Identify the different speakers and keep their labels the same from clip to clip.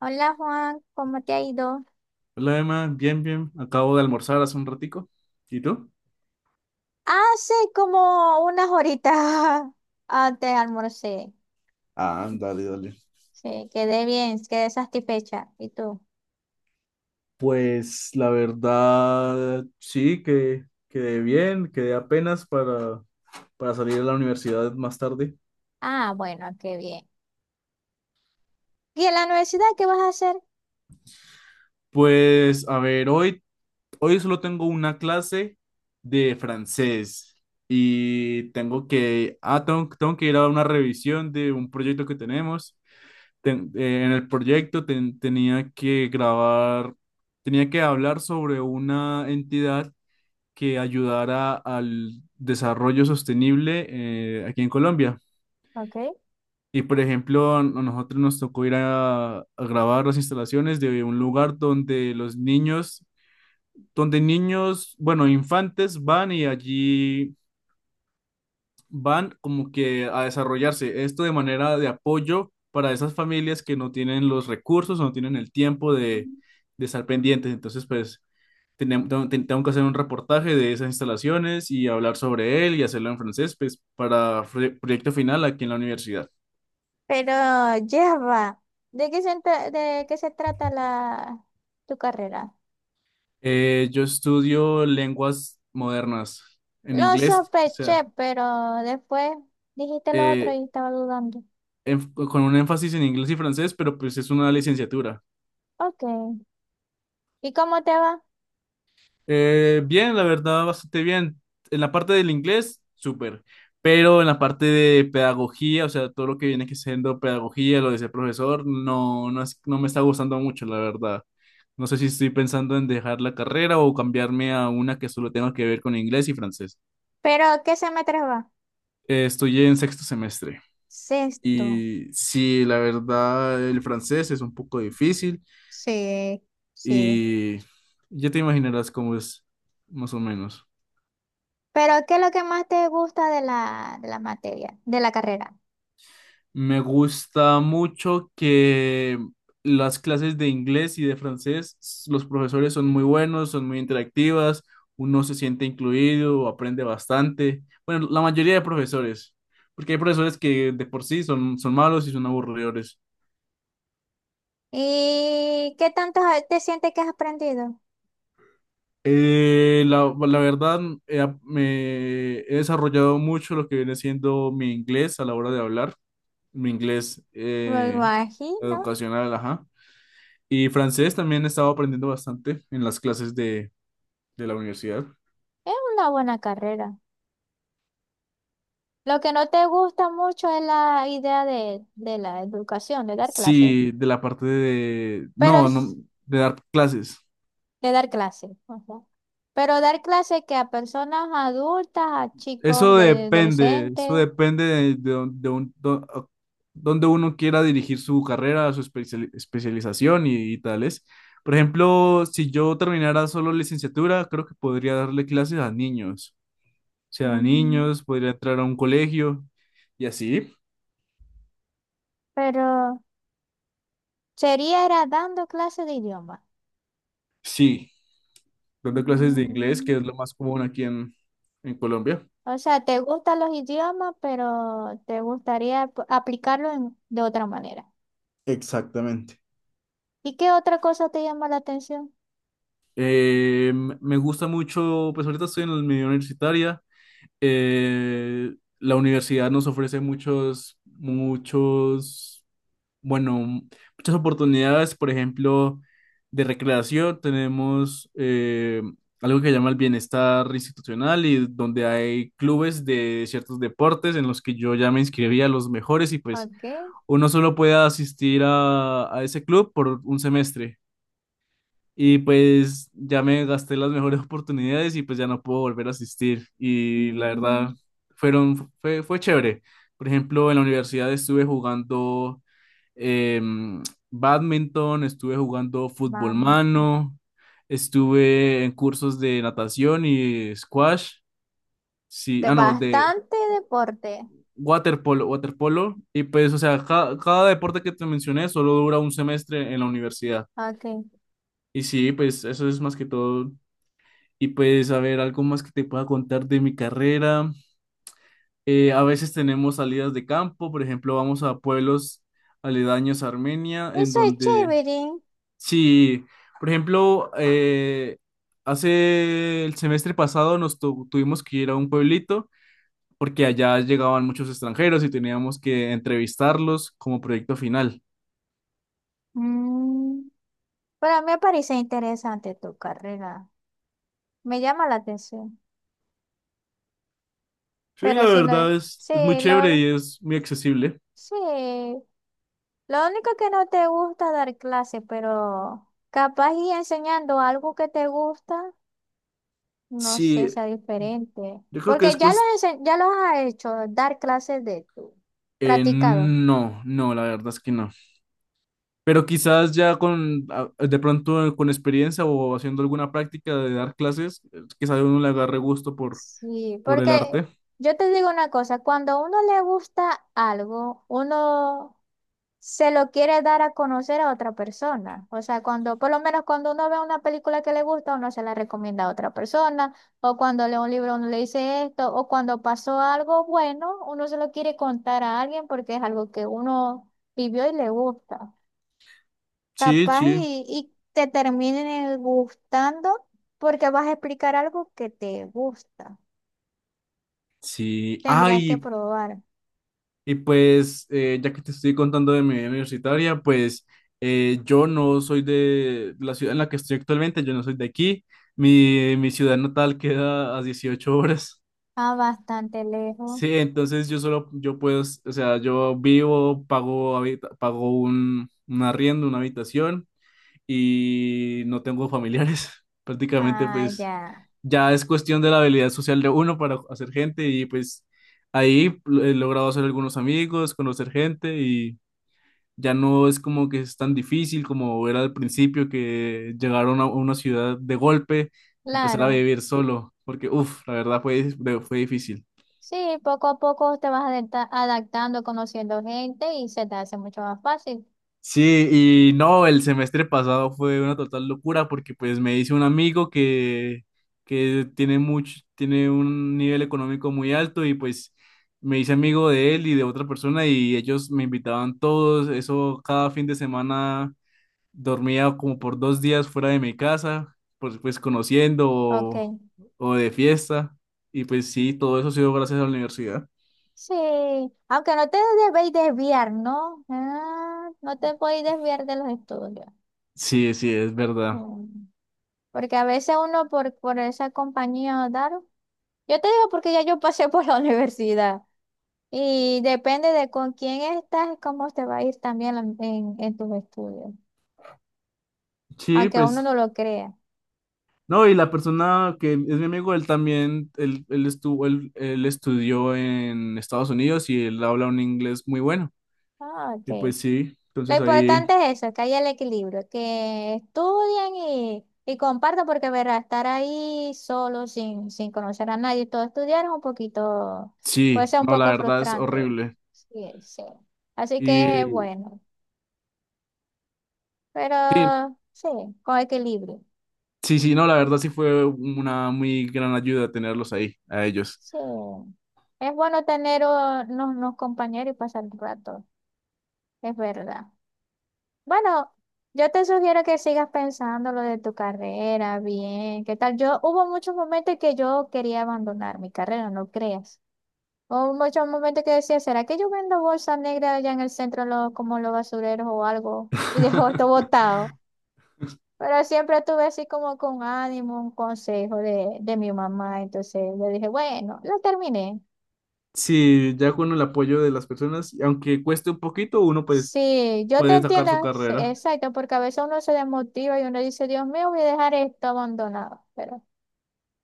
Speaker 1: Hola Juan, ¿cómo te ha ido?
Speaker 2: Hola Emma, bien, bien. Acabo de almorzar hace un ratico. ¿Y tú?
Speaker 1: Hace como unas horitas antes almorcé.
Speaker 2: Ah, dale, dale.
Speaker 1: Sí, quedé bien, quedé satisfecha. ¿Y tú?
Speaker 2: Pues la verdad, sí, que quedé bien, quedé apenas para salir de la universidad más tarde.
Speaker 1: Ah, bueno, qué bien. ¿Y en la universidad qué vas a hacer?
Speaker 2: Pues a ver, hoy solo tengo una clase de francés y tengo que, tengo que ir a una revisión de un proyecto que tenemos en el proyecto tenía que grabar, tenía que hablar sobre una entidad que ayudara al desarrollo sostenible aquí en Colombia.
Speaker 1: Ok.
Speaker 2: Y por ejemplo, a nosotros nos tocó ir a grabar las instalaciones de un lugar donde los niños, donde niños, bueno, infantes van y allí van como que a desarrollarse esto de manera de apoyo para esas familias que no tienen los recursos, no tienen el tiempo de estar pendientes. Entonces, pues, tengo que hacer un reportaje de esas instalaciones y hablar sobre él y hacerlo en francés, pues, para proyecto final aquí en la universidad.
Speaker 1: Pero ya va. ¿De qué se, de qué se trata tu carrera?
Speaker 2: Yo estudio lenguas modernas en
Speaker 1: Lo
Speaker 2: inglés, o
Speaker 1: sospeché,
Speaker 2: sea,
Speaker 1: pero después dijiste lo otro
Speaker 2: eh,
Speaker 1: y estaba dudando.
Speaker 2: con un énfasis en inglés y francés, pero pues es una licenciatura.
Speaker 1: Ok. ¿Y cómo te va?
Speaker 2: Bien, la verdad, bastante bien. En la parte del inglés, súper. Pero en la parte de pedagogía, o sea, todo lo que viene que siendo pedagogía, lo de ser profesor, no me está gustando mucho, la verdad. No sé si estoy pensando en dejar la carrera o cambiarme a una que solo tenga que ver con inglés y francés.
Speaker 1: ¿Pero qué semestre va?
Speaker 2: Estoy en sexto semestre
Speaker 1: Sexto.
Speaker 2: y sí, la verdad, el francés es un poco difícil
Speaker 1: Sí, sí.
Speaker 2: y ya te imaginarás cómo es, más o menos.
Speaker 1: Pero ¿qué es lo que más te gusta de de la materia, de la carrera?
Speaker 2: Me gusta mucho que las clases de inglés y de francés, los profesores son muy buenos, son muy interactivas, uno se siente incluido, aprende bastante. Bueno, la mayoría de profesores, porque hay profesores que de por sí son malos y son aburridores.
Speaker 1: ¿Y qué tanto te sientes que has aprendido?
Speaker 2: La verdad, me he desarrollado mucho lo que viene siendo mi inglés a la hora de hablar, mi inglés
Speaker 1: Me imagino,
Speaker 2: educacional, ajá. Y francés también estaba aprendiendo bastante en las clases de la universidad.
Speaker 1: es una buena carrera. Lo que no te gusta mucho es la idea de la educación, de dar clases.
Speaker 2: Sí, de la parte de.
Speaker 1: Pero
Speaker 2: No, no,
Speaker 1: es
Speaker 2: de dar clases.
Speaker 1: de dar clases. Pero dar clases que a personas adultas, a chicos
Speaker 2: Eso
Speaker 1: de
Speaker 2: depende, eso
Speaker 1: adolescentes.
Speaker 2: depende de, don- de un- do- a- donde uno quiera dirigir su carrera, su especialización y tales. Por ejemplo, si yo terminara solo licenciatura, creo que podría darle clases a niños. O sea, a
Speaker 1: Mm,
Speaker 2: niños, podría entrar a un colegio y así.
Speaker 1: pero sería era dando clases de idioma.
Speaker 2: Sí, dando clases de inglés, que es
Speaker 1: Mm.
Speaker 2: lo más común aquí en Colombia.
Speaker 1: O sea, te gustan los idiomas, pero te gustaría aplicarlo de otra manera.
Speaker 2: Exactamente.
Speaker 1: ¿Y qué otra cosa te llama la atención?
Speaker 2: Eh, me gusta mucho, pues ahorita estoy en la medio universitaria. Eh, la universidad nos ofrece muchos, bueno, muchas oportunidades, por ejemplo, de recreación. Tenemos algo que llama el bienestar institucional y donde hay clubes de ciertos deportes en los que yo ya me inscribí a los mejores y pues
Speaker 1: Ok.
Speaker 2: uno solo puede asistir a ese club por un semestre. Y pues ya me gasté las mejores oportunidades y pues ya no puedo volver a asistir. Y la verdad,
Speaker 1: Mm,
Speaker 2: fue chévere. Por ejemplo, en la universidad estuve jugando em, badminton, estuve jugando fútbol
Speaker 1: vale.
Speaker 2: mano, estuve en cursos de natación y squash. Sí,
Speaker 1: De
Speaker 2: no, de
Speaker 1: bastante deporte.
Speaker 2: Waterpolo, y pues, o sea, cada, deporte que te mencioné solo dura un semestre en la universidad.
Speaker 1: Ok.
Speaker 2: Y sí, pues eso es más que todo. Y pues, a ver, algo más que te pueda contar de mi carrera. A veces tenemos salidas de campo, por ejemplo, vamos a pueblos aledaños a Armenia, en
Speaker 1: Eso es
Speaker 2: donde,
Speaker 1: chévere.
Speaker 2: sí, por ejemplo, hace el semestre pasado nos tuvimos que ir a un pueblito porque allá llegaban muchos extranjeros y teníamos que entrevistarlos como proyecto final.
Speaker 1: Mm. Pero me parece interesante tu carrera. Me llama la atención.
Speaker 2: Sí,
Speaker 1: Pero
Speaker 2: la
Speaker 1: si no,
Speaker 2: verdad
Speaker 1: sí,
Speaker 2: es muy chévere y
Speaker 1: lo,
Speaker 2: es muy accesible.
Speaker 1: sí. Lo único que no te gusta dar clase, pero capaz y enseñando algo que te gusta, no sé,
Speaker 2: Sí,
Speaker 1: sea diferente.
Speaker 2: yo creo que
Speaker 1: Porque ya lo, ya lo has hecho, dar clases de tú, practicado.
Speaker 2: no, no, la verdad es que no. Pero quizás ya de pronto con experiencia o haciendo alguna práctica de dar clases, quizás uno le agarre gusto
Speaker 1: Sí,
Speaker 2: por el
Speaker 1: porque
Speaker 2: arte.
Speaker 1: yo te digo una cosa, cuando a uno le gusta algo, uno se lo quiere dar a conocer a otra persona. O sea, cuando, por lo menos cuando uno ve una película que le gusta, uno se la recomienda a otra persona, o cuando lee un libro, uno le dice esto, o cuando pasó algo bueno, uno se lo quiere contar a alguien porque es algo que uno vivió y le gusta.
Speaker 2: Sí,
Speaker 1: Capaz
Speaker 2: sí.
Speaker 1: y te termine gustando porque vas a explicar algo que te gusta.
Speaker 2: Sí.
Speaker 1: Tendrías que
Speaker 2: Ay.
Speaker 1: probar.
Speaker 2: Y pues, ya que te estoy contando de mi vida universitaria, pues yo no soy de la ciudad en la que estoy actualmente, yo no soy de aquí. Mi ciudad natal queda a 18 horas.
Speaker 1: Ah, bastante lejos.
Speaker 2: Sí, entonces yo solo, yo puedo, o sea, yo vivo, pago un arriendo, una habitación y no tengo familiares. Prácticamente,
Speaker 1: Ah,
Speaker 2: pues
Speaker 1: ya.
Speaker 2: ya es cuestión de la habilidad social de uno para hacer gente y pues ahí he logrado hacer algunos amigos, conocer gente y ya no es como que es tan difícil como era al principio que llegaron a una ciudad de golpe, empezar a
Speaker 1: Claro.
Speaker 2: vivir solo, porque uff, la verdad fue difícil.
Speaker 1: Sí, poco a poco te vas adaptando, conociendo gente y se te hace mucho más fácil.
Speaker 2: Sí, y no, el semestre pasado fue una total locura porque pues me hice un amigo que tiene mucho, tiene un nivel económico muy alto y pues me hice amigo de él y de otra persona y ellos me invitaban todos, eso cada fin de semana dormía como por 2 días fuera de mi casa, pues conociendo
Speaker 1: Ok,
Speaker 2: o de fiesta y pues sí, todo eso ha sido gracias a la universidad.
Speaker 1: sí, aunque no te debéis desviar, ¿no? Ah, no te podéis desviar de los estudios.
Speaker 2: Sí, sí, es verdad.
Speaker 1: Mm. Porque a veces uno por esa compañía, dar, yo te digo porque ya yo pasé por la universidad y depende de con quién estás, cómo te va a ir también en tus estudios,
Speaker 2: Sí,
Speaker 1: aunque
Speaker 2: pues.
Speaker 1: uno no lo crea.
Speaker 2: No, y la persona que es mi amigo, él también, él estuvo, él estudió en Estados Unidos y él habla un inglés muy bueno.
Speaker 1: Ah,
Speaker 2: Y
Speaker 1: ok.
Speaker 2: pues sí,
Speaker 1: Lo
Speaker 2: entonces ahí,
Speaker 1: importante es eso, que haya el equilibrio, que estudien y compartan, porque verá, estar ahí solo, sin conocer a nadie, todo estudiar es un poquito, puede
Speaker 2: sí,
Speaker 1: ser un
Speaker 2: no, la
Speaker 1: poco
Speaker 2: verdad es
Speaker 1: frustrante.
Speaker 2: horrible.
Speaker 1: Sí, sí. Así que es
Speaker 2: Y
Speaker 1: bueno,
Speaker 2: sí,
Speaker 1: pero sí, con equilibrio.
Speaker 2: sí, sí, no, la verdad sí fue una muy gran ayuda tenerlos ahí, a ellos.
Speaker 1: Sí. Es bueno tener unos compañeros y pasar el rato, es verdad. Bueno, yo te sugiero que sigas pensando lo de tu carrera, bien, ¿qué tal? Yo hubo muchos momentos que yo quería abandonar mi carrera, no creas. Hubo muchos momentos que decía, ¿será que yo vendo bolsa negra allá en el centro como los basureros o algo? Y dejo esto botado. Pero siempre estuve así como con ánimo, un consejo de mi mamá. Entonces le dije, bueno, lo terminé.
Speaker 2: Sí, ya con el apoyo de las personas, y aunque cueste un poquito, uno pues
Speaker 1: Sí, yo te
Speaker 2: puede sacar
Speaker 1: entiendo,
Speaker 2: su
Speaker 1: sí,
Speaker 2: carrera.
Speaker 1: exacto, porque a veces uno se desmotiva y uno dice, Dios mío, voy a dejar esto abandonado. Pero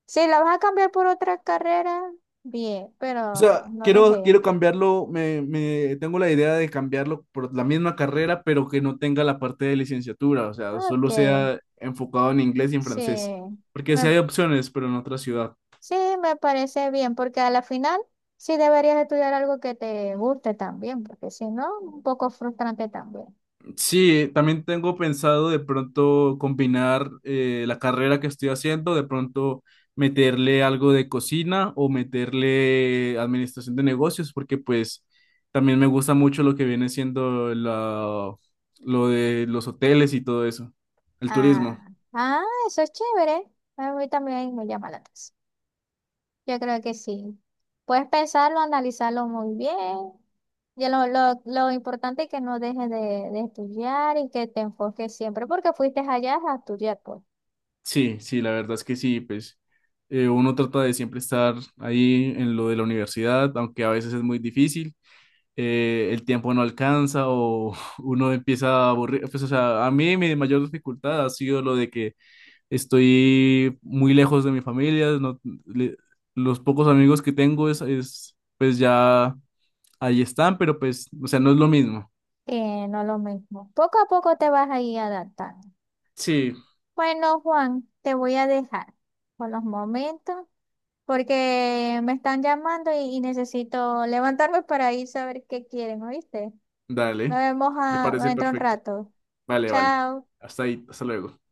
Speaker 1: si la vas a cambiar por otra carrera, bien,
Speaker 2: O sea,
Speaker 1: pero no dejé.
Speaker 2: quiero cambiarlo, tengo la idea de cambiarlo por la misma carrera, pero que no tenga la parte de licenciatura, o sea,
Speaker 1: Ok,
Speaker 2: solo sea enfocado en inglés y en
Speaker 1: sí.
Speaker 2: francés, porque sí
Speaker 1: Me,
Speaker 2: hay opciones, pero en otra ciudad.
Speaker 1: sí, me parece bien, porque a la final sí deberías estudiar algo que te guste también, porque si no, un poco frustrante también.
Speaker 2: Sí, también tengo pensado de pronto combinar la carrera que estoy haciendo, de pronto meterle algo de cocina o meterle administración de negocios, porque pues también me gusta mucho lo que viene siendo lo de los hoteles y todo eso, el turismo.
Speaker 1: Ah, ah, eso es chévere. A mí también me llama la atención. Yo creo que sí. Puedes pensarlo, analizarlo muy bien. Y lo importante es que no dejes de estudiar y que te enfoques siempre, porque fuiste allá a estudiar, pues.
Speaker 2: Sí, sí, la verdad es que sí, pues uno trata de siempre estar ahí en lo de la universidad, aunque a veces es muy difícil. El tiempo no alcanza o uno empieza a aburrir. Pues, o sea, a mí mi mayor dificultad ha sido lo de que estoy muy lejos de mi familia, le- los pocos amigos que tengo es, pues ya ahí están, pero pues, o sea, no es lo mismo.
Speaker 1: No lo mismo. Poco a poco te vas a ir adaptando.
Speaker 2: Sí,
Speaker 1: Bueno, Juan, te voy a dejar por los momentos porque me están llamando y necesito levantarme para ir a ver qué quieren, ¿oíste? Nos
Speaker 2: dale,
Speaker 1: vemos
Speaker 2: me
Speaker 1: a,
Speaker 2: parece
Speaker 1: dentro de un
Speaker 2: perfecto.
Speaker 1: rato.
Speaker 2: Vale, vale.
Speaker 1: Chao.
Speaker 2: Hasta ahí, hasta luego.